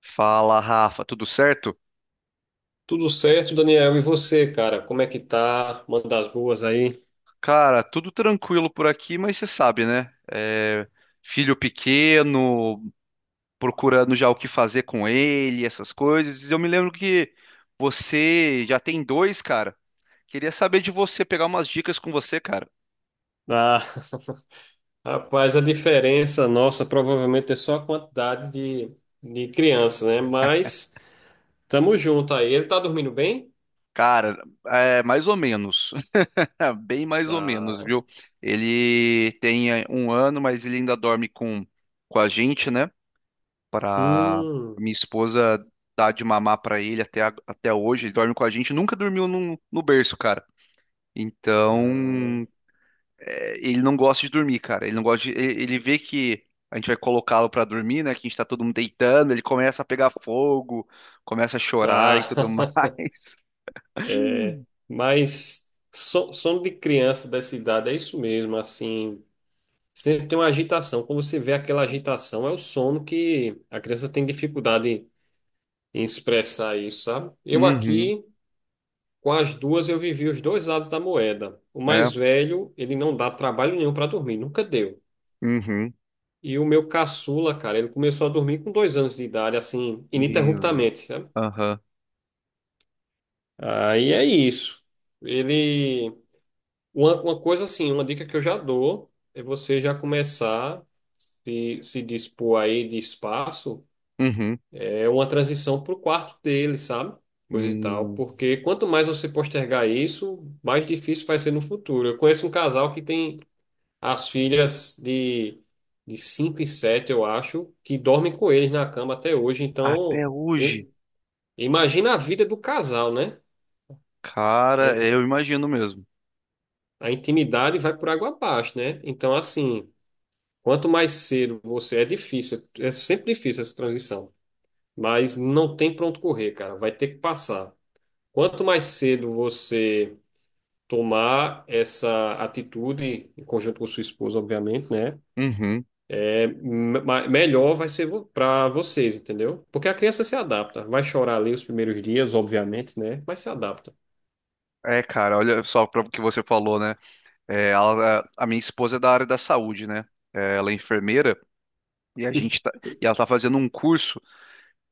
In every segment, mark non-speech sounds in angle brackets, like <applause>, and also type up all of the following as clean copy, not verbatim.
Fala, Rafa, tudo certo? Tudo certo, Daniel? E você, cara? Como é que tá? Manda as boas aí. Cara, tudo tranquilo por aqui, mas você sabe, né? Filho pequeno, procurando já o que fazer com ele, essas coisas. Eu me lembro que você já tem dois, cara. Queria saber de você, pegar umas dicas com você, cara. Ah, <laughs> rapaz, a diferença nossa provavelmente é só a quantidade de crianças, né? Mas tamo junto aí. Ele tá dormindo bem? Cara, é mais ou menos, <laughs> bem mais ou menos, Ah, viu? Ele tem 1 ano, mas ele ainda dorme com a gente, né? Para hum, minha esposa dar de mamar para ele até hoje. Ele dorme com a gente, nunca dormiu no berço, cara. ah, Então, ele não gosta de dormir, cara. Ele não gosta de, ele vê que a gente vai colocá-lo para dormir, né? Que a gente tá todo mundo deitando, ele começa a pegar fogo, começa a chorar ah, e tudo <laughs> mais. <laughs> é. Mas sono de criança dessa idade é isso mesmo, assim. Sempre tem uma agitação. Quando você vê aquela agitação, é o sono que a criança tem dificuldade em expressar isso, sabe? Eu Uhum, aqui, com as duas, eu vivi os dois lados da moeda. O é, mais velho, ele não dá trabalho nenhum para dormir, nunca deu. uhum. E o meu caçula, cara, ele começou a dormir com 2 anos de idade, assim, Meu Deus. ininterruptamente, sabe? Aham, Aí é isso. Ele. Uma coisa assim, uma dica que eu já dou é você já começar se dispor aí de espaço uhum. é uma transição para o quarto dele, sabe? Coisa e tal. Hum, Porque quanto mais você postergar isso, mais difícil vai ser no futuro. Eu conheço um casal que tem as filhas de 5 e 7, eu acho, que dormem com eles na cama até hoje. Então, até im- hoje, imagina a vida do casal, né? A, cara, in- eu imagino mesmo. a intimidade vai por água abaixo, né? Então, assim, quanto mais cedo você é difícil, é sempre difícil essa transição. Mas não tem pra onde correr, cara. Vai ter que passar. Quanto mais cedo você tomar essa atitude, em conjunto com sua esposa, obviamente, né? Uhum. É, melhor vai ser para vocês, entendeu? Porque a criança se adapta. Vai chorar ali os primeiros dias, obviamente, né? Mas se adapta. É, cara, olha só para o que você falou, né? Ela- a minha esposa é da área da saúde, né? Ela é enfermeira, e a gente tá, E- e ela tá fazendo um curso,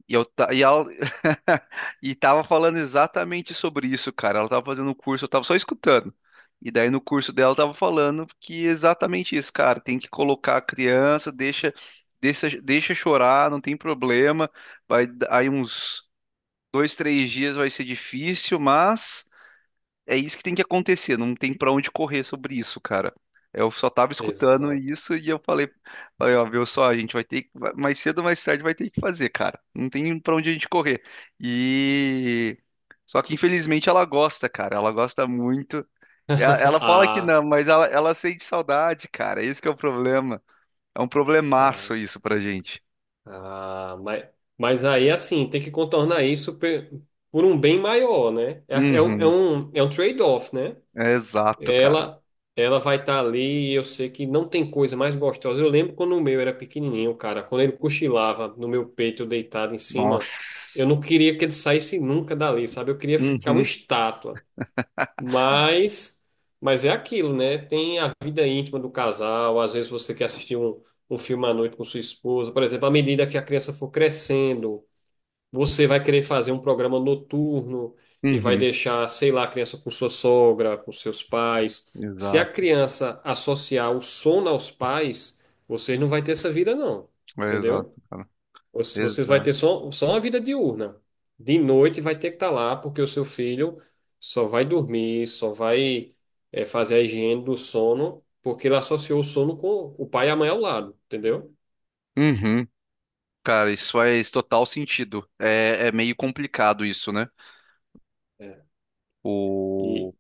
e eu tá, e ela <laughs> e tava falando exatamente sobre isso, cara. Ela tava fazendo um curso, eu tava só escutando. E daí no curso dela tava falando que exatamente isso, cara, tem que colocar a criança, deixa chorar, não tem problema. Vai aí uns 2, 3 dias vai ser difícil, mas é isso que tem que acontecer, não tem pra onde correr sobre isso, cara. Eu só tava escutando Exato. isso e eu falei, ó, viu só, a gente vai ter que, mais cedo ou mais tarde vai ter que fazer, cara. Não tem pra onde a gente correr. E só que infelizmente ela gosta, cara. Ela gosta muito. <laughs> Ela fala que Ah, não, mas ela sente saudade, cara. Esse que é o problema. É um ah, problemaço isso pra gente. ah, mas aí, assim, tem que contornar isso por um bem maior, né? É, é um, é Uhum. um é um trade-off, né? É exato, cara. Ela, ela vai estar ali e eu sei que não tem coisa mais gostosa. Eu lembro quando o meu era pequenininho, cara, quando ele cochilava no meu peito, eu deitado em cima, eu Nossa. não queria que ele saísse nunca dali, sabe? Eu queria ficar uma Uhum. estátua. Mas, mas é aquilo, né? Tem a vida íntima do casal. Às vezes você quer assistir um filme à noite com sua esposa, por exemplo, à medida que a criança for crescendo. Você vai querer fazer um programa noturno e vai Uhum. deixar, sei lá, a criança com sua sogra, com seus pais. Se a Exato. criança associar o sono aos pais, vocês não vai ter essa vida, não. É exato, Entendeu? cara. Vocês vai ter Exato. só, só uma vida diurna. De noite vai ter que estar lá, porque o seu filho só vai dormir, fazer a higiene do sono, porque ele associou o sono com o pai e a mãe ao lado, entendeu? Uhum. Cara, isso faz total sentido. É meio complicado isso, né? É. E O...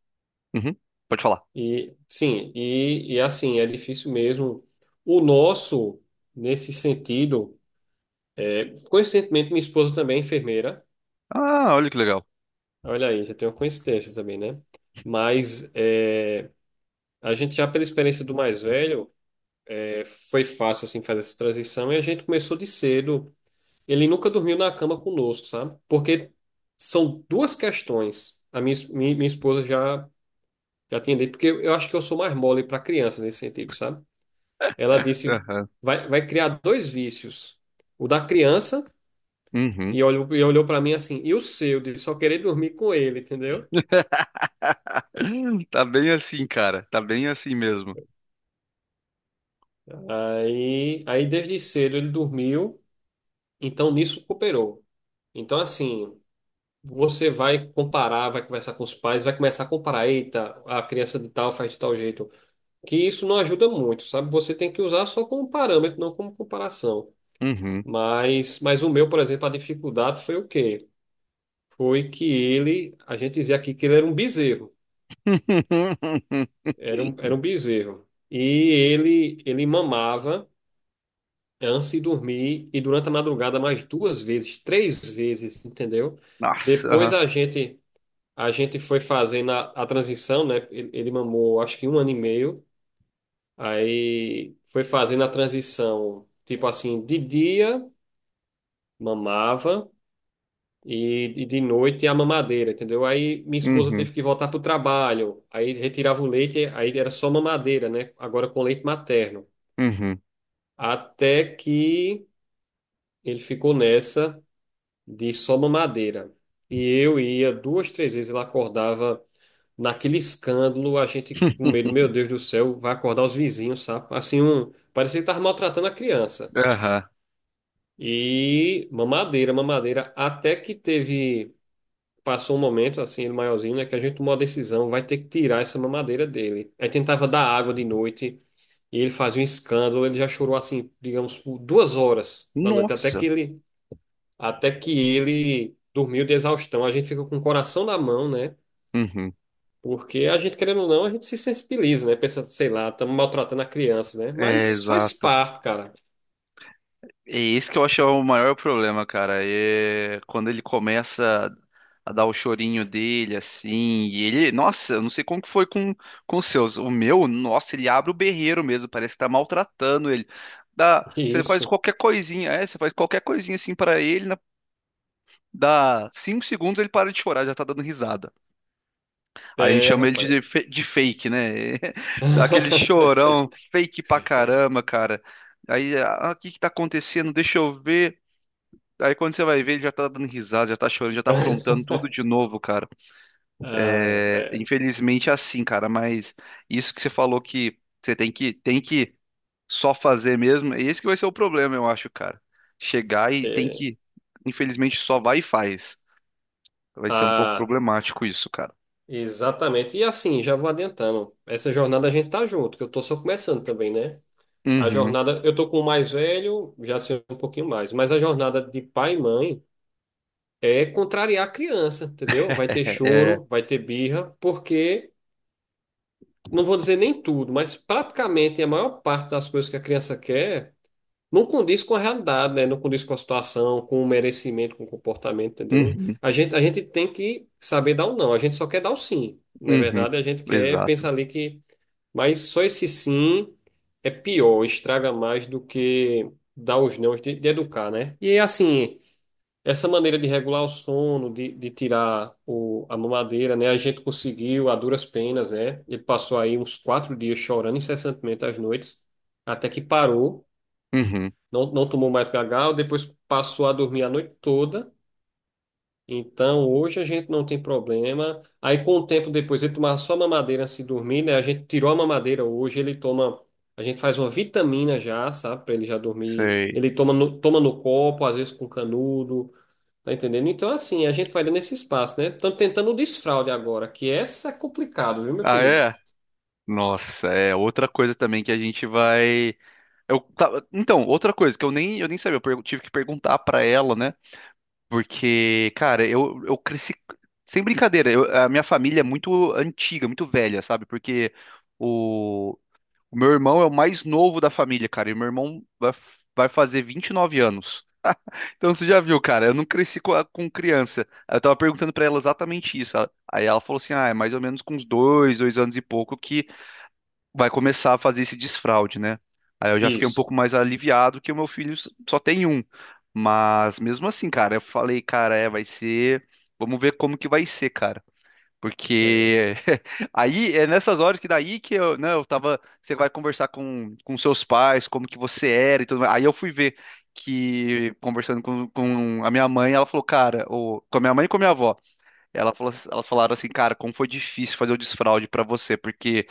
Uhum. Pode falar. E sim, e assim, é difícil mesmo. O nosso, nesse sentido, é, coincidentemente, minha esposa também é enfermeira. Ah, olha que legal. Olha aí, já tem uma coincidência também, né? Mas é, a gente já pela experiência do mais velho, é, foi fácil assim fazer essa transição e a gente começou de cedo. Ele nunca dormiu na cama conosco, sabe? Porque são duas questões. A minha esposa já tinha dito, porque eu acho que eu sou mais mole para criança nesse sentido, sabe? Ela disse: Aham. vai criar dois vícios. O da criança, Uhum. E olhou para mim assim, e o seu, de só querer dormir com ele, entendeu? <laughs> Tá bem assim, cara. Tá bem assim mesmo. Aí desde cedo ele dormiu, então nisso cooperou. Então, assim, você vai comparar, vai conversar com os pais, vai começar a comparar, eita, a criança de tal faz de tal jeito. Que isso não ajuda muito, sabe? Você tem que usar só como parâmetro, não como comparação. Uhum. Mas o meu, por exemplo, a dificuldade foi o quê? Foi que ele, a gente dizia aqui que ele era um bezerro, <laughs> era um bezerro. E ele mamava antes de dormir e durante a madrugada mais duas vezes, três vezes, entendeu? Nossa. Depois Aham. a gente foi fazendo a transição, né? Ele mamou acho que um ano e meio, aí foi fazendo a transição, tipo assim, de dia mamava. E de noite é a mamadeira, entendeu? Aí minha esposa Uhum. teve que voltar pro trabalho, aí retirava o leite, aí era só mamadeira, né? Agora com leite materno. Uhum. Até que ele ficou nessa de só mamadeira. E eu ia duas, três vezes, ela acordava naquele escândalo, a gente com medo, <laughs> meu Deus do céu, vai acordar os vizinhos, sabe? Assim, parecia que estava maltratando a criança. Aham. E mamadeira, mamadeira, até que teve. Passou um momento, assim, ele maiorzinho, né, que a gente tomou a decisão, vai ter que tirar essa mamadeira dele. Aí tentava dar água de noite, e ele fazia um escândalo, ele já chorou, assim, digamos, por 2 horas da noite, Nossa. Até que ele dormiu de exaustão. A gente fica com o coração na mão, né, Uhum. porque a gente, querendo ou não, a gente se sensibiliza, né, pensa, sei lá, estamos maltratando a criança, né, É, mas faz exato. parte, cara. É isso que eu acho é o maior problema, cara. É quando ele começa a dar o chorinho dele, assim, e ele, nossa, eu não sei como que foi com os seus. O meu, nossa, ele abre o berreiro mesmo, parece que tá maltratando ele. Dá, você faz Isso. qualquer coisinha, você faz qualquer coisinha assim pra ele, dá 5 segundos ele para de chorar, já tá dando risada. Aí a gente É, chama ele rapaz. de, de fake, né? <laughs> Dá aquele chorão <laughs> fake pra caramba, cara. Aí, ah, o que que tá acontecendo? Deixa eu ver. Aí quando você vai ver, ele já tá dando risada, já tá chorando, já tá aprontando tudo de <laughs> novo, cara. ah É, rapaz. infelizmente é assim, cara, mas isso que você falou que você tem que só fazer mesmo, esse que vai ser o problema, eu acho, cara. Chegar e tem É. que, infelizmente, só vai e faz. Vai ser um pouco Ah, problemático isso, cara. Exatamente. E assim, já vou adiantando. Essa jornada a gente tá junto, que eu tô só começando também, né? A Uhum. <laughs> jornada, eu tô com o mais velho, já sei um pouquinho mais, mas a jornada de pai e mãe é contrariar a criança, entendeu? Vai ter É, é. choro, vai ter birra, porque não vou dizer nem tudo, mas praticamente a maior parte das coisas que a criança quer não condiz com a realidade, né? Não condiz com a situação, com o merecimento, com o comportamento, entendeu? Uhum, A gente tem que saber dar o não, a gente só quer dar o sim. Na uhum, verdade, a gente quer exato. pensar ali que. Mas só esse sim é pior, estraga mais do que dar os nãos de educar, né? E é assim, essa maneira de regular o sono, de tirar o, a mamadeira, né? A gente conseguiu a duras penas, né? Ele passou aí uns 4 dias chorando incessantemente às noites, até que parou. Uhum, Não, não tomou mais gagal, depois passou a dormir a noite toda. Então, hoje a gente não tem problema. Aí, com o tempo depois, ele tomava só mamadeira antes de dormir, né? A gente tirou a mamadeira hoje, ele toma. A gente faz uma vitamina já, sabe? Pra ele já dormir. sei. Ele toma no copo, às vezes com canudo. Tá entendendo? Então, assim, a gente vai dando esse espaço, né? Estamos tentando o desfraude agora, que essa é complicado, viu, meu Ah, querido? é? Nossa, é outra coisa também que a gente vai. Então, outra coisa que eu nem sabia, tive que perguntar pra ela, né? Porque, cara, eu cresci. Sem brincadeira, a minha família é muito antiga, muito velha, sabe? Porque o, o meu irmão é o mais novo da família, cara. E meu vai fazer 29 anos. Então você já viu, cara, eu não cresci com criança. Aí Eu tava perguntando pra ela exatamente isso. Aí ela falou assim: ah, é mais ou menos com uns 2 anos e pouco que vai começar a fazer esse desfraude, né? Aí eu já fiquei um Isso. pouco mais aliviado que o meu filho só tem um. Mas mesmo assim, cara, eu falei, cara, é, vai ser. Vamos ver como que vai ser, cara. É. Porque <laughs> aí é nessas horas que daí que eu, né, eu tava, você vai conversar com seus pais, como que você era e tudo mais. Aí eu fui ver que conversando com a minha mãe, ela falou, cara, ou com a minha mãe e com a minha avó, elas falaram assim, cara, como foi difícil fazer o desfraude pra você, porque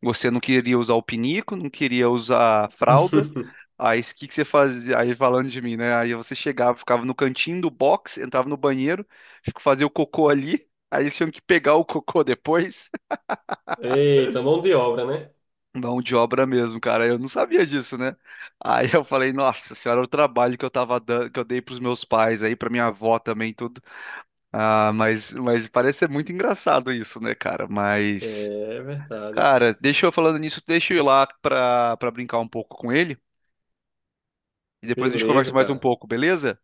você não queria usar o pinico, não queria usar a fralda. <laughs> Aí o que que você fazia? Aí falando de mim, né? Aí você chegava, ficava no cantinho do box, entrava no banheiro, fazia o cocô ali. Aí eles tinham que pegar o cocô depois. <laughs> Eita, mão de obra, né? Mão de obra mesmo, cara. Eu não sabia disso, né? Aí eu falei, nossa senhora, o trabalho que eu tava dando, que eu dei pros meus pais aí, pra minha avó também, e tudo. Ah, mas parece ser muito engraçado isso, né, cara? Mas, É verdade. cara, deixa eu falando nisso, deixa eu ir lá pra brincar um pouco com ele. E depois a gente conversa Beleza, mais um cara. pouco, beleza?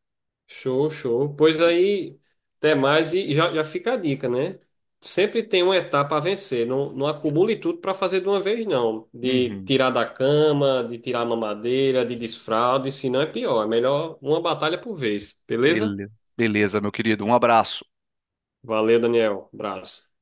Show, show. Pois aí, até mais e já, já fica a dica, né? Sempre tem uma etapa a vencer. Não, não acumule tudo para fazer de uma vez, não. De Uhum. tirar da cama, de tirar a mamadeira, de desfralde, senão é pior. É melhor uma batalha por vez, beleza? Beleza, beleza, meu querido. Um abraço. Valeu, Daniel. Abraço.